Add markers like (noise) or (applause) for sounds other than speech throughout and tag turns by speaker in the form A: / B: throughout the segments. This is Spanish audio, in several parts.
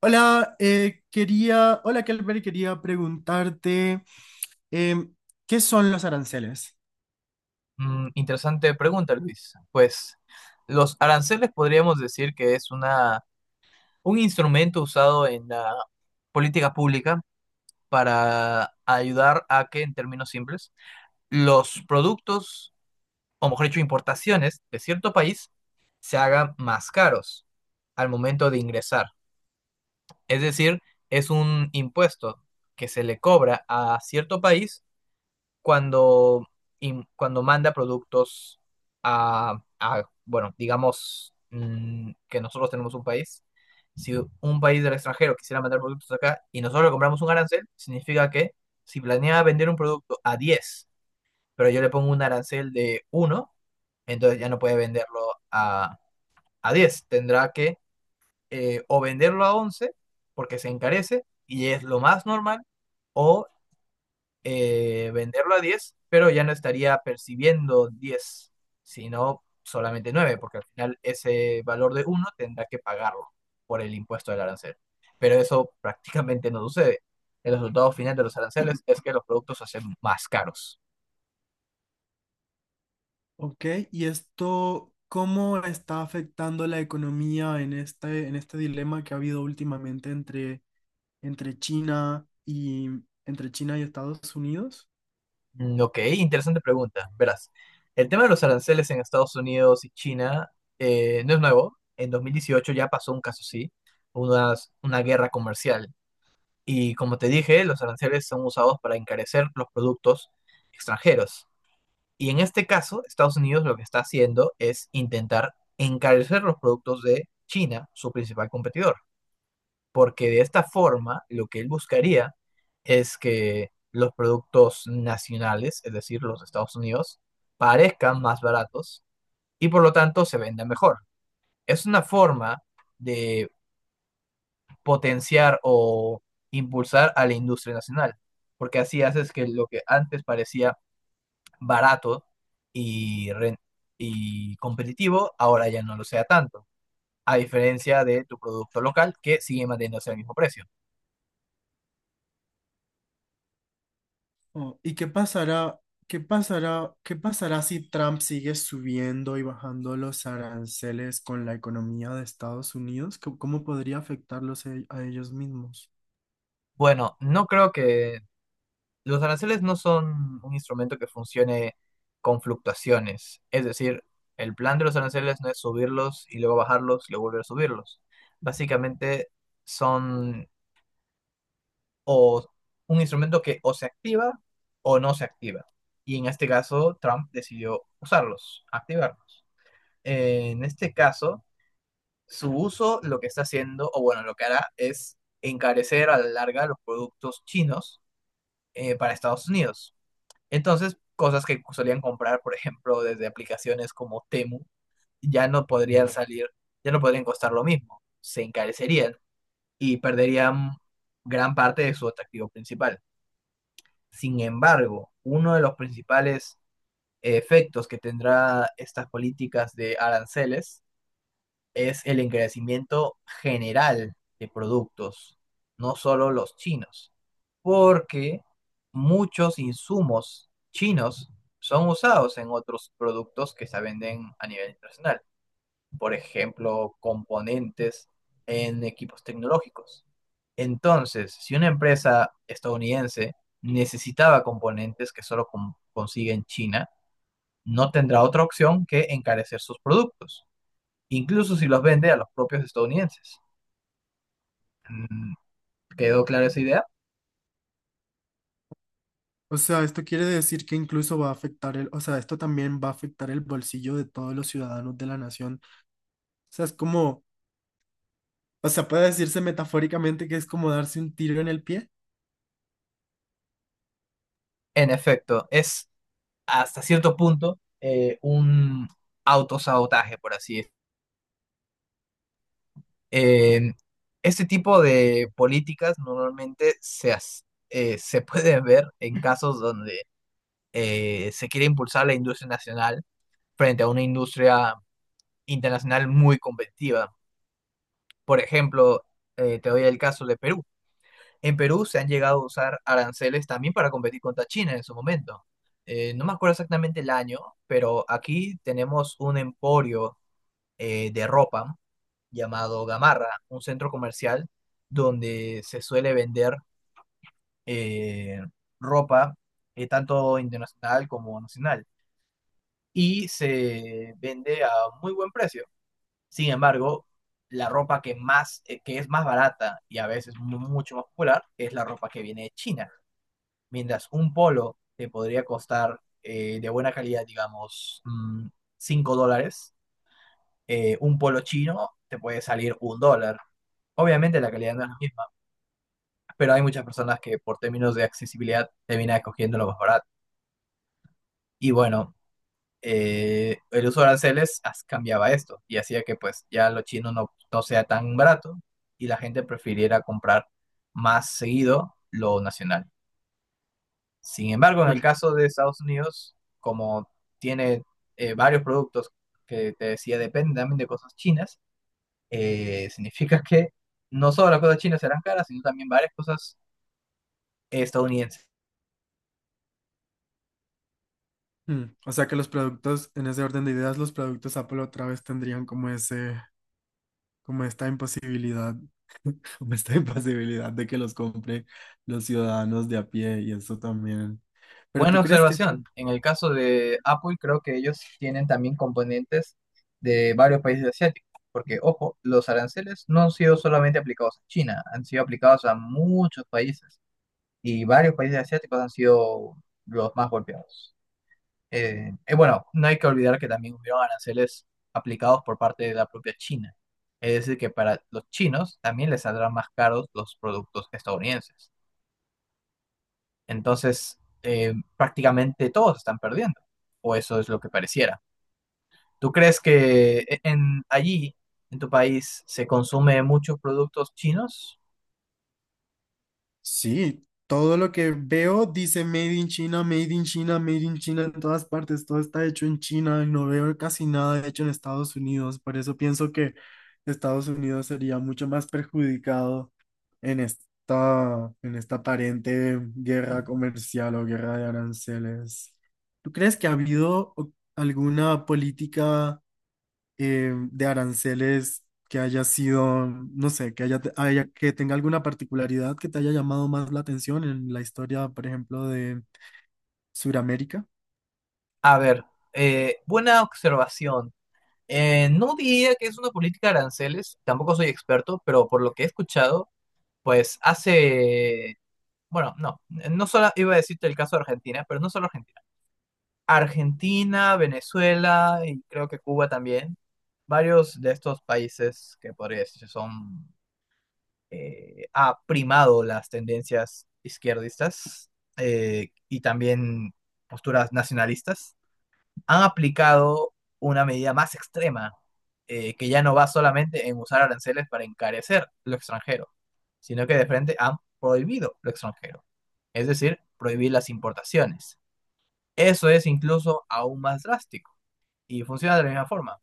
A: Hola, quería, hola Kelber, quería preguntarte em, ¿qué son los aranceles?
B: Interesante pregunta, Luis. Pues los aranceles podríamos decir que es un instrumento usado en la política pública para ayudar a que, en términos simples, los productos, o mejor dicho, importaciones de cierto país se hagan más caros al momento de ingresar. Es decir, es un impuesto que se le cobra a cierto país cuando, cuando manda productos bueno, digamos, que nosotros tenemos un país, si un país del extranjero quisiera mandar productos acá y nosotros le compramos un arancel, significa que si planea vender un producto a 10, pero yo le pongo un arancel de uno, entonces ya no puede venderlo a, a diez, tendrá que, o venderlo a 11 porque se encarece y es lo más normal, o venderlo a 10 pero ya no estaría percibiendo 10 sino solamente nueve, porque al final ese valor de uno tendrá que pagarlo por el impuesto del arancel. Pero eso prácticamente no sucede. El resultado final de los aranceles es que los productos se hacen más caros.
A: ¿Ok? Y esto, ¿cómo está afectando la economía en este dilema que ha habido últimamente entre, entre China y entre China y Estados Unidos?
B: Ok, interesante pregunta. Verás, el tema de los aranceles en Estados Unidos y China no es nuevo. En 2018 ya pasó un caso así, una guerra comercial. Y como te dije, los aranceles son usados para encarecer los productos extranjeros. Y en este caso, Estados Unidos lo que está haciendo es intentar encarecer los productos de China, su principal competidor. Porque de esta forma, lo que él buscaría es que los productos nacionales, es decir, los de Estados Unidos, parezcan más baratos y por lo tanto se vendan mejor. Es una forma de potenciar o impulsar a la industria nacional, porque así haces que lo que antes parecía barato y, ren- y competitivo, ahora ya no lo sea tanto, a diferencia de tu producto local que sigue manteniéndose al mismo precio.
A: Oh, ¿qué pasará si Trump sigue subiendo y bajando los aranceles con la economía de Estados Unidos? ¿Cómo, cómo podría afectarlos a ellos mismos?
B: Bueno, no creo que los aranceles no son un instrumento que funcione con fluctuaciones, es decir, el plan de los aranceles no es subirlos y luego bajarlos y luego volver a subirlos. Básicamente son o un instrumento que o se activa o no se activa. Y en este caso, Trump decidió usarlos, activarlos. En este caso, su uso lo que está haciendo, o bueno, lo que hará es encarecer a la larga los productos chinos, para Estados Unidos. Entonces, cosas que solían comprar, por ejemplo, desde aplicaciones como Temu, ya no podrían salir, ya no podrían costar lo mismo, se encarecerían y perderían gran parte de su atractivo principal. Sin embargo, uno de los principales efectos que tendrá estas políticas de aranceles es el encarecimiento general de productos, no solo los chinos, porque muchos insumos chinos son usados en otros productos que se venden a nivel internacional, por ejemplo, componentes en equipos tecnológicos. Entonces, si una empresa estadounidense necesitaba componentes que solo consigue en China, no tendrá otra opción que encarecer sus productos, incluso si los vende a los propios estadounidenses. Mm, ¿Quedó clara esa idea?
A: O sea, esto quiere decir que incluso va a afectar esto también va a afectar el bolsillo de todos los ciudadanos de la nación. O sea, es como, o sea, puede decirse metafóricamente que es como darse un tiro en el pie.
B: En efecto, es hasta cierto punto, un autosabotaje, por así. Eh, este tipo de políticas normalmente se puede ver en casos donde se quiere impulsar la industria nacional frente a una industria internacional muy competitiva. Por ejemplo, te doy el caso de Perú. En Perú se han llegado a usar aranceles también para competir contra China en su momento. No me acuerdo exactamente el año, pero aquí tenemos un emporio de ropa llamado Gamarra, un centro comercial donde se suele vender, eh, ropa, tanto internacional como nacional, y se vende a muy buen precio. Sin embargo, la ropa que más, que es más barata y a veces mucho más popular, es la ropa que viene de China. Mientras un polo te podría costar, de buena calidad, digamos, $5, un polo chino te puede salir un dólar. Obviamente la calidad no es la misma, pero hay muchas personas que por términos de accesibilidad terminan escogiendo lo más barato. Y bueno, el uso de aranceles cambiaba esto y hacía que pues ya lo chino no sea tan barato, y la gente prefiriera comprar más seguido lo nacional. Sin embargo, en el
A: Bueno,
B: caso de Estados Unidos, como tiene, varios productos que te decía dependen también de cosas chinas, significa que no solo las cosas chinas serán caras, sino también varias cosas estadounidenses.
A: mm, o sea que los productos, en ese orden de ideas, los productos Apple otra vez tendrían como ese, como esta imposibilidad, (laughs) como esta imposibilidad de que los compren los ciudadanos de a pie y eso también. Pero ¿tú
B: Buena
A: crees que esto?
B: observación. En el caso de Apple, creo que ellos tienen también componentes de varios países asiáticos, porque, ojo, los aranceles no han sido solamente aplicados a China, han sido aplicados a muchos países, y varios países asiáticos han sido los más golpeados. Bueno, no hay que olvidar que también hubieron aranceles aplicados por parte de la propia China. Es decir, que para los chinos también les saldrán más caros los productos estadounidenses. Entonces, prácticamente todos están perdiendo, o eso es lo que pareciera. ¿Tú crees que en tu país se consume muchos productos chinos?
A: Sí, todo lo que veo dice Made in China, Made in China, Made in China en todas partes, todo está hecho en China, no veo casi nada hecho en Estados Unidos, por eso pienso que Estados Unidos sería mucho más perjudicado en esta aparente guerra comercial o guerra de aranceles. ¿Tú crees que ha habido alguna política, de aranceles que haya sido, no sé, que tenga alguna particularidad que te haya llamado más la atención en la historia, por ejemplo, de Sudamérica
B: A ver, buena observación. No diría que es una política de aranceles, tampoco soy experto, pero por lo que he escuchado, pues bueno, no solo iba a decirte el caso de Argentina, pero no solo Argentina. Argentina, Venezuela y creo que Cuba también. Varios de estos países que podría decirse ha primado las tendencias izquierdistas, y también posturas nacionalistas, han aplicado una medida más extrema, que ya no va solamente en usar aranceles para encarecer lo extranjero, sino que de frente han prohibido lo extranjero, es decir, prohibir las importaciones. Eso es incluso aún más drástico y funciona de la misma forma.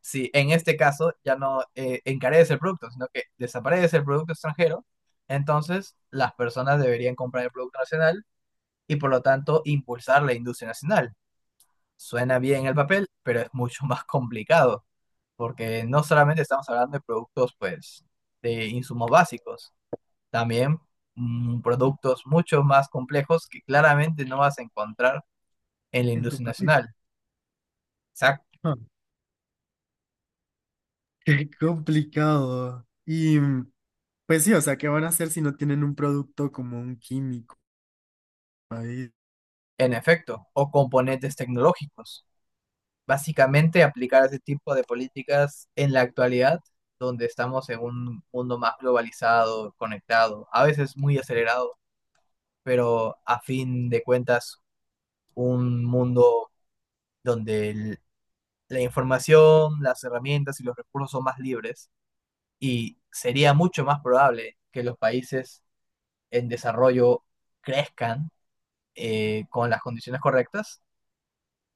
B: Si en este caso ya no, encarece el producto, sino que desaparece el producto extranjero, entonces las personas deberían comprar el producto nacional y por lo tanto impulsar la industria nacional. Suena bien el papel, pero es mucho más (laughs) complicado, porque no solamente estamos hablando de productos, pues, de insumos básicos, también, productos mucho más complejos que claramente no vas a encontrar en la
A: en tu
B: industria
A: país?
B: nacional. Exacto.
A: Ah, (laughs) qué complicado. Y mm, pues sí, o sea, ¿qué van a hacer si no tienen un producto como un químico ahí?
B: En efecto, o componentes tecnológicos, básicamente aplicar ese tipo de políticas en la actualidad, donde estamos en un mundo más globalizado, conectado, a veces muy acelerado, pero a fin de cuentas un mundo donde la información, las herramientas y los recursos son más libres, y sería mucho más probable que los países en desarrollo crezcan, con las condiciones correctas,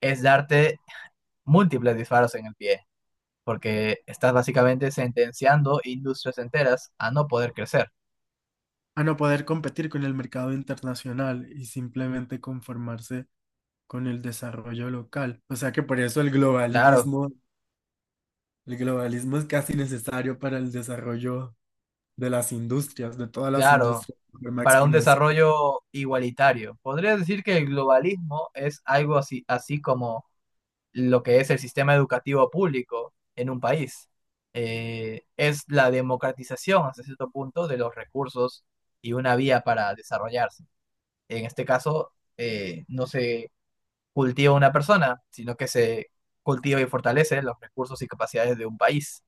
B: es darte múltiples disparos en el pie, porque estás básicamente sentenciando industrias enteras a no poder crecer.
A: A no poder competir con el mercado internacional y simplemente conformarse con el desarrollo local. O sea que por eso
B: Claro,
A: el globalismo es casi necesario para el desarrollo de las industrias, de todas las
B: claro,
A: industrias, de forma
B: para un
A: exponencial.
B: desarrollo igualitario. Podría decir que el globalismo es algo así, así como lo que es el sistema educativo público en un país. Es la democratización hasta cierto punto de los recursos y una vía para desarrollarse. En este caso, no se cultiva una persona, sino que se cultiva y fortalece los recursos y capacidades de un país.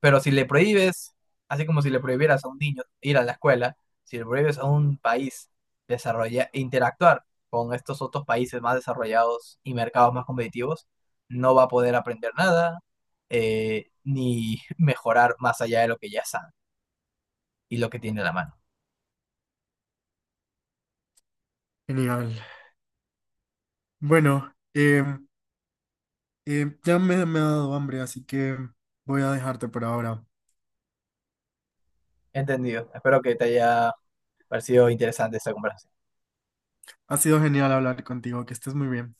B: Pero si le prohíbes, así como si le prohibieras a un niño ir a la escuela, si le prohíbes a un país desarrollar, interactuar con estos otros países más desarrollados y mercados más competitivos, no va a poder aprender nada, ni (laughs) mejorar más allá de lo que ya sabe y lo que tiene a la mano.
A: Genial. Bueno, ya me ha dado hambre, así que voy a dejarte por ahora.
B: Entendido. Espero que te haya parecido interesante esta conversación.
A: Ha sido genial hablar contigo, que estés muy bien.